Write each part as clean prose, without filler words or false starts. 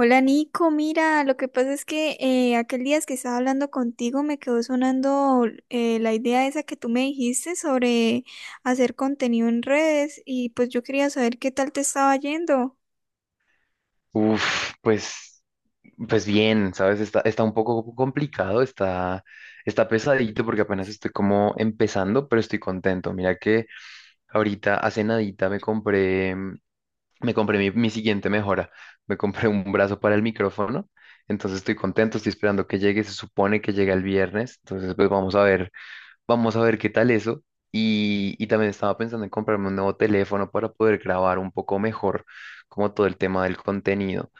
Hola Nico, mira, lo que pasa es que aquel día que estaba hablando contigo me quedó sonando la idea esa que tú me dijiste sobre hacer contenido en redes y pues yo quería saber qué tal te estaba yendo. Uf, pues bien, ¿sabes? Está un poco complicado, está pesadito porque apenas estoy como empezando, pero estoy contento. Mira que ahorita hace nadita me compré mi siguiente mejora. Me compré un brazo para el micrófono, entonces estoy contento, estoy esperando que llegue, se supone que llega el viernes, entonces pues vamos a ver qué tal eso. Y también estaba pensando en comprarme un nuevo teléfono para poder grabar un poco mejor, como todo el tema del contenido.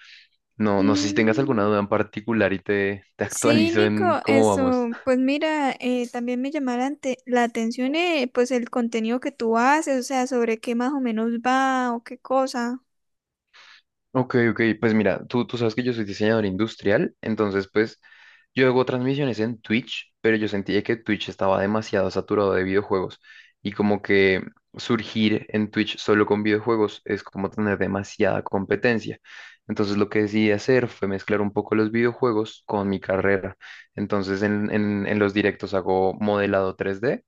No sé si tengas alguna Mm, duda en particular y te sí, actualizo Nico, en cómo eso, vamos. pues mira, también me llamó la, la atención, pues el contenido que tú haces, o sea, sobre qué más o menos va o qué cosa. Ok, ok, pues mira, tú sabes que yo soy diseñador industrial, entonces pues yo hago transmisiones en Twitch, pero yo sentía que Twitch estaba demasiado saturado de videojuegos y como que surgir en Twitch solo con videojuegos es como tener demasiada competencia. Entonces lo que decidí hacer fue mezclar un poco los videojuegos con mi carrera. Entonces en los directos hago modelado 3D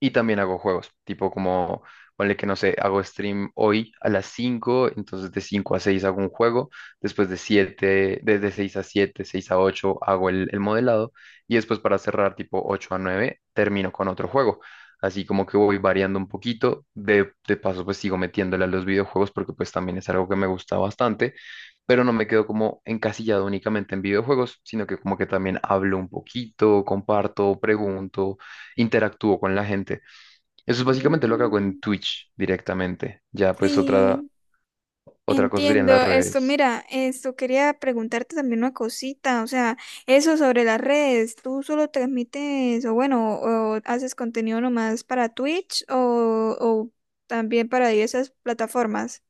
y también hago juegos, tipo como, ponle que no sé, hago stream hoy a las cinco, entonces de 5 a 6 hago un juego, después de siete, desde 6 a siete, 6 a 8 hago el modelado, y después para cerrar tipo 8 a 9 termino con otro juego. Así como que voy variando un poquito, de paso pues sigo metiéndole a los videojuegos porque pues también es algo que me gusta bastante, pero no me quedo como encasillado únicamente en videojuegos, sino que como que también hablo un poquito, comparto, pregunto, interactúo con la gente. Eso es básicamente lo que hago en Mm, Twitch directamente. Ya, pues otra, sí. otra cosa serían las Entiendo esto. redes. Mira, esto quería preguntarte también una cosita, o sea, eso sobre las redes, ¿tú solo transmites o bueno, o haces contenido nomás para Twitch o también para diversas plataformas?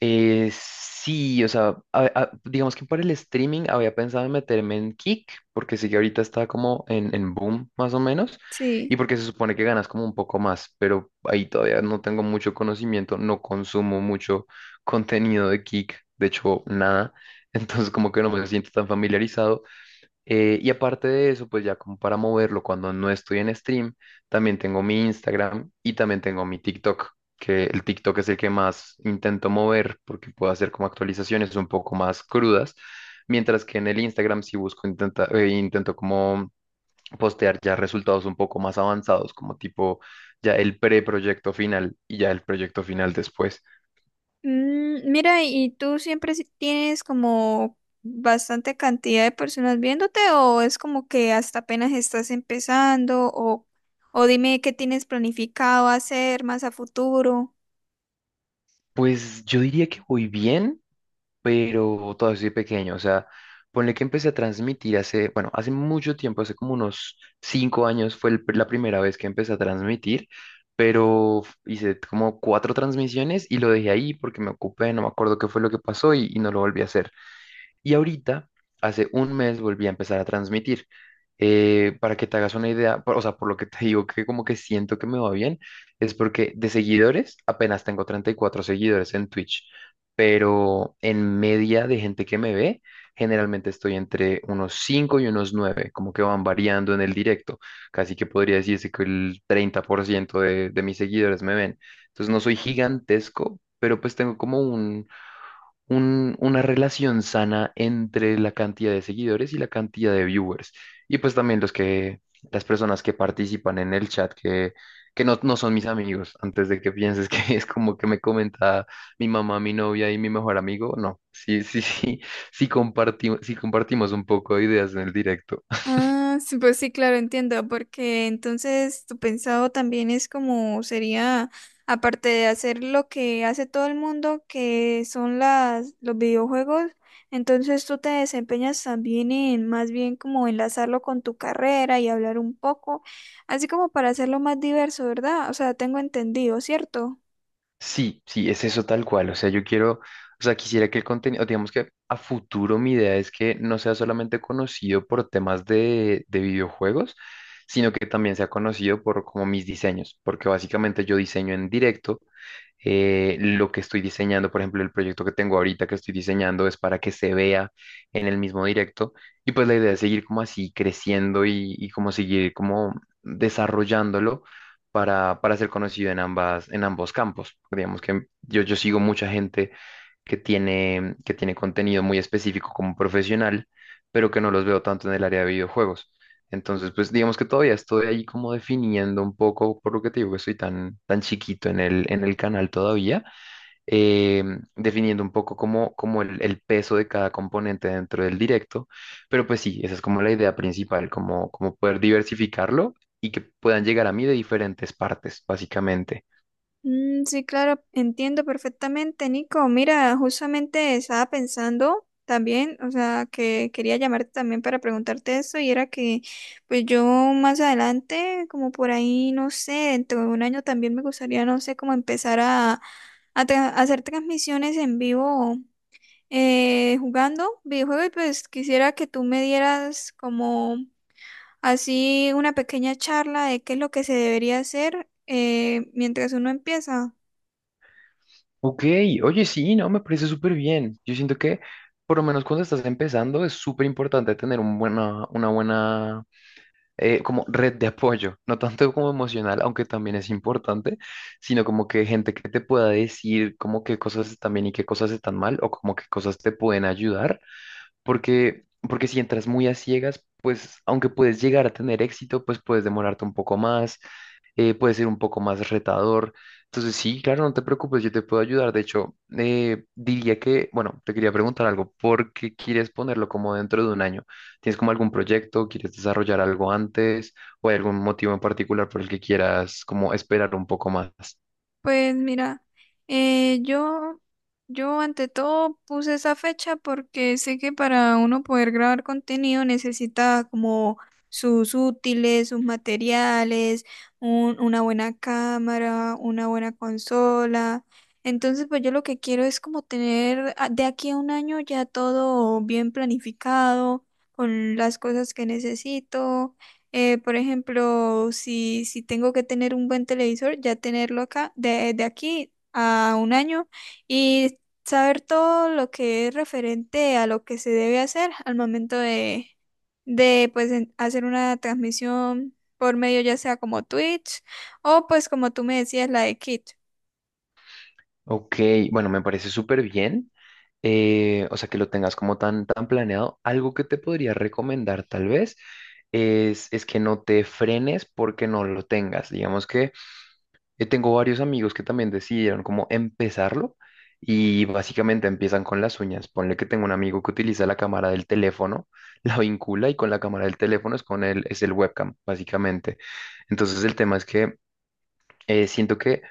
Sí, o sea, digamos que por el streaming había pensado en meterme en Kick, porque sí que ahorita está como en boom, más o menos, Sí. y porque se supone que ganas como un poco más, pero ahí todavía no tengo mucho conocimiento, no consumo mucho contenido de Kick, de hecho, nada. Entonces, como que no me siento tan familiarizado. Y aparte de eso, pues ya como para moverlo cuando no estoy en stream, también tengo mi Instagram y también tengo mi TikTok, que el TikTok es el que más intento mover porque puedo hacer como actualizaciones un poco más crudas, mientras que en el Instagram sí busco, intento como postear ya resultados un poco más avanzados, como tipo ya el preproyecto final y ya el proyecto final después. Mm, mira, ¿y tú siempre tienes como bastante cantidad de personas viéndote o es como que hasta apenas estás empezando o dime qué tienes planificado hacer más a futuro? Pues yo diría que voy bien, pero todavía soy pequeño, o sea, ponle que empecé a transmitir hace, bueno, hace mucho tiempo, hace como unos 5 años fue la primera vez que empecé a transmitir, pero hice como cuatro transmisiones y lo dejé ahí porque me ocupé, no me acuerdo qué fue lo que pasó y no lo volví a hacer. Y ahorita, hace un mes, volví a empezar a transmitir. Para que te hagas una idea, o sea, por lo que te digo que como que siento que me va bien, es porque de seguidores apenas tengo 34 seguidores en Twitch, pero en media de gente que me ve, generalmente estoy entre unos 5 y unos nueve, como que van variando en el directo. Casi que podría decirse que el 30% de mis seguidores me ven. Entonces no soy gigantesco, pero pues tengo como una relación sana entre la cantidad de seguidores y la cantidad de viewers. Y pues también los que, las personas que participan en el chat, que no, no son mis amigos, antes de que pienses que es como que me comenta mi mamá, mi novia y mi mejor amigo. No, sí, sí, sí, sí compartimos un poco de ideas en el directo. Ah, sí, pues sí, claro, entiendo, porque entonces tu pensado también es como sería, aparte de hacer lo que hace todo el mundo, que son las, los videojuegos, entonces tú te desempeñas también en más bien como enlazarlo con tu carrera y hablar un poco, así como para hacerlo más diverso, ¿verdad? O sea, tengo entendido, ¿cierto? Sí, sí, es eso tal cual. O sea, yo quiero, o sea, quisiera que el contenido, digamos que a futuro mi idea es que no sea solamente conocido por temas de videojuegos, sino que también sea conocido por como mis diseños, porque básicamente yo diseño en directo, lo que estoy diseñando, por ejemplo, el proyecto que tengo ahorita que estoy diseñando, es para que se vea en el mismo directo, y pues la idea es seguir como así creciendo y como seguir como desarrollándolo para ser conocido en ambas, en ambos campos. Digamos que yo sigo mucha gente que tiene contenido muy específico como profesional, pero que no los veo tanto en el área de videojuegos. Entonces, pues digamos que todavía estoy ahí como definiendo un poco, por lo que te digo que estoy tan, tan chiquito en el canal todavía. eh, Definiendo un poco como, como el peso de cada componente dentro del directo, pero pues sí, esa es como la idea principal, como, como poder diversificarlo y que puedan llegar a mí de diferentes partes, básicamente. Mm, sí, claro, entiendo perfectamente, Nico. Mira, justamente estaba pensando también, o sea, que quería llamarte también para preguntarte eso y era que, pues yo más adelante, como por ahí, no sé, dentro de un año también me gustaría, no sé, como empezar a, a hacer transmisiones en vivo, jugando videojuegos y pues quisiera que tú me dieras como así una pequeña charla de qué es lo que se debería hacer, mientras uno empieza. Ok, oye, sí, no, me parece súper bien. Yo siento que, por lo menos cuando estás empezando, es súper importante tener una buena, como red de apoyo, no tanto como emocional, aunque también es importante, sino como que gente que te pueda decir como qué cosas están bien y qué cosas están mal, o como qué cosas te pueden ayudar, porque si entras muy a ciegas, pues aunque puedes llegar a tener éxito, pues puedes demorarte un poco más. Puede ser un poco más retador. Entonces, sí, claro, no te preocupes, yo te puedo ayudar. De hecho, diría que, bueno, te quería preguntar algo, ¿por qué quieres ponerlo como dentro de un año? ¿Tienes como algún proyecto? ¿Quieres desarrollar algo antes? ¿O hay algún motivo en particular por el que quieras como esperar un poco más? Pues mira, eh, yo, yo ante todo puse esa fecha porque sé que para uno poder grabar contenido necesita como sus útiles, sus materiales, una buena cámara, una buena consola. Entonces, pues yo lo que quiero es como tener de aquí a un año ya todo bien planificado, con las cosas que necesito. Por ejemplo, si tengo que tener un buen televisor, ya tenerlo acá, de aquí a un año, y saber todo lo que es referente a lo que se debe hacer al momento de pues, hacer una transmisión por medio ya sea como Twitch o pues como tú me decías, la de Kit. Ok, bueno, me parece súper bien. O sea, que lo tengas como tan, tan planeado. Algo que te podría recomendar tal vez es que no te frenes porque no lo tengas. Digamos que, tengo varios amigos que también decidieron como empezarlo y básicamente empiezan con las uñas. Ponle que tengo un amigo que utiliza la cámara del teléfono, la vincula y con la cámara del teléfono es con es el webcam, básicamente. Entonces el tema es que, siento que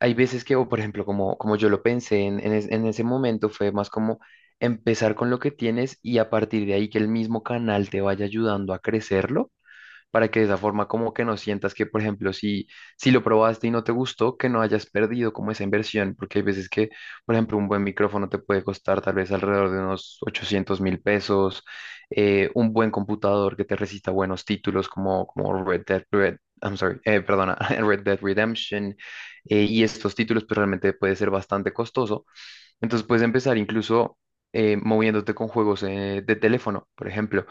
hay veces que, o por ejemplo, como yo lo pensé en ese momento, fue más como empezar con lo que tienes y a partir de ahí que el mismo canal te vaya ayudando a crecerlo para que de esa forma como que no sientas que, por ejemplo, si lo probaste y no te gustó, que no hayas perdido como esa inversión, porque hay veces que, por ejemplo, un buen micrófono te puede costar tal vez alrededor de unos 800.000 pesos. Un buen computador que te resista buenos títulos como Red Dead, Red, I'm sorry, perdona, Red Dead Redemption, y estos títulos pues realmente puede ser bastante costoso, entonces puedes empezar incluso, moviéndote con juegos, de teléfono, por ejemplo.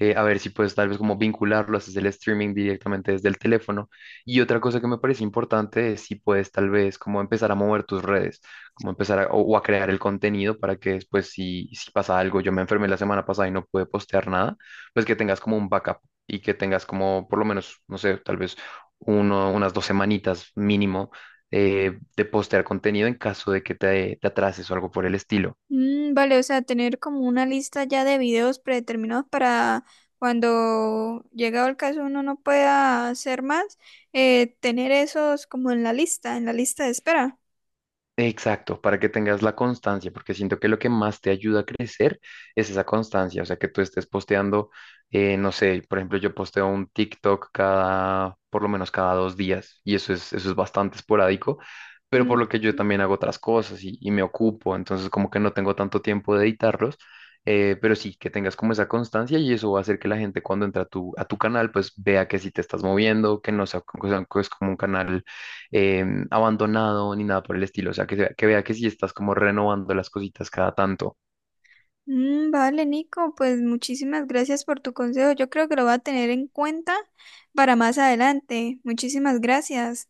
A ver si puedes tal vez como vincularlo, haces el streaming directamente desde el teléfono. Y otra cosa que me parece importante es si puedes tal vez como empezar a mover tus redes, como empezar o a crear el contenido, para que después, si pasa algo, yo me enfermé la semana pasada y no pude postear nada, pues que tengas como un backup y que tengas como por lo menos, no sé, tal vez unas 2 semanitas mínimo, de postear contenido en caso de que te atrases o algo por el estilo. Mm, vale, o sea, tener como una lista ya de videos predeterminados para cuando llegado el caso uno no pueda hacer más, tener esos como en la lista de espera. Exacto, para que tengas la constancia, porque siento que lo que más te ayuda a crecer es esa constancia, o sea, que tú estés posteando. No sé, por ejemplo, yo posteo un TikTok cada, por lo menos cada 2 días, y eso es bastante esporádico, pero por Mm, lo que yo también hago otras cosas y me ocupo, entonces como que no tengo tanto tiempo de editarlos. Pero sí, que tengas como esa constancia y eso va a hacer que la gente, cuando entra a tu canal, pues vea que sí te estás moviendo, que no sea, que sea- que es como un canal, eh, abandonado ni nada por el estilo. O sea, que vea que sí estás como renovando las cositas cada tanto. mm, vale, Nico, pues muchísimas gracias por tu consejo. Yo creo que lo voy a tener en cuenta para más adelante. Muchísimas gracias.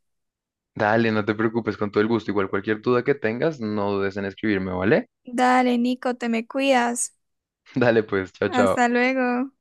Dale, no te preocupes, con todo el gusto. Igual cualquier duda que tengas, no dudes en escribirme, ¿vale? Dale, Nico, te me cuidas. Dale pues, chao, Hasta chao. luego.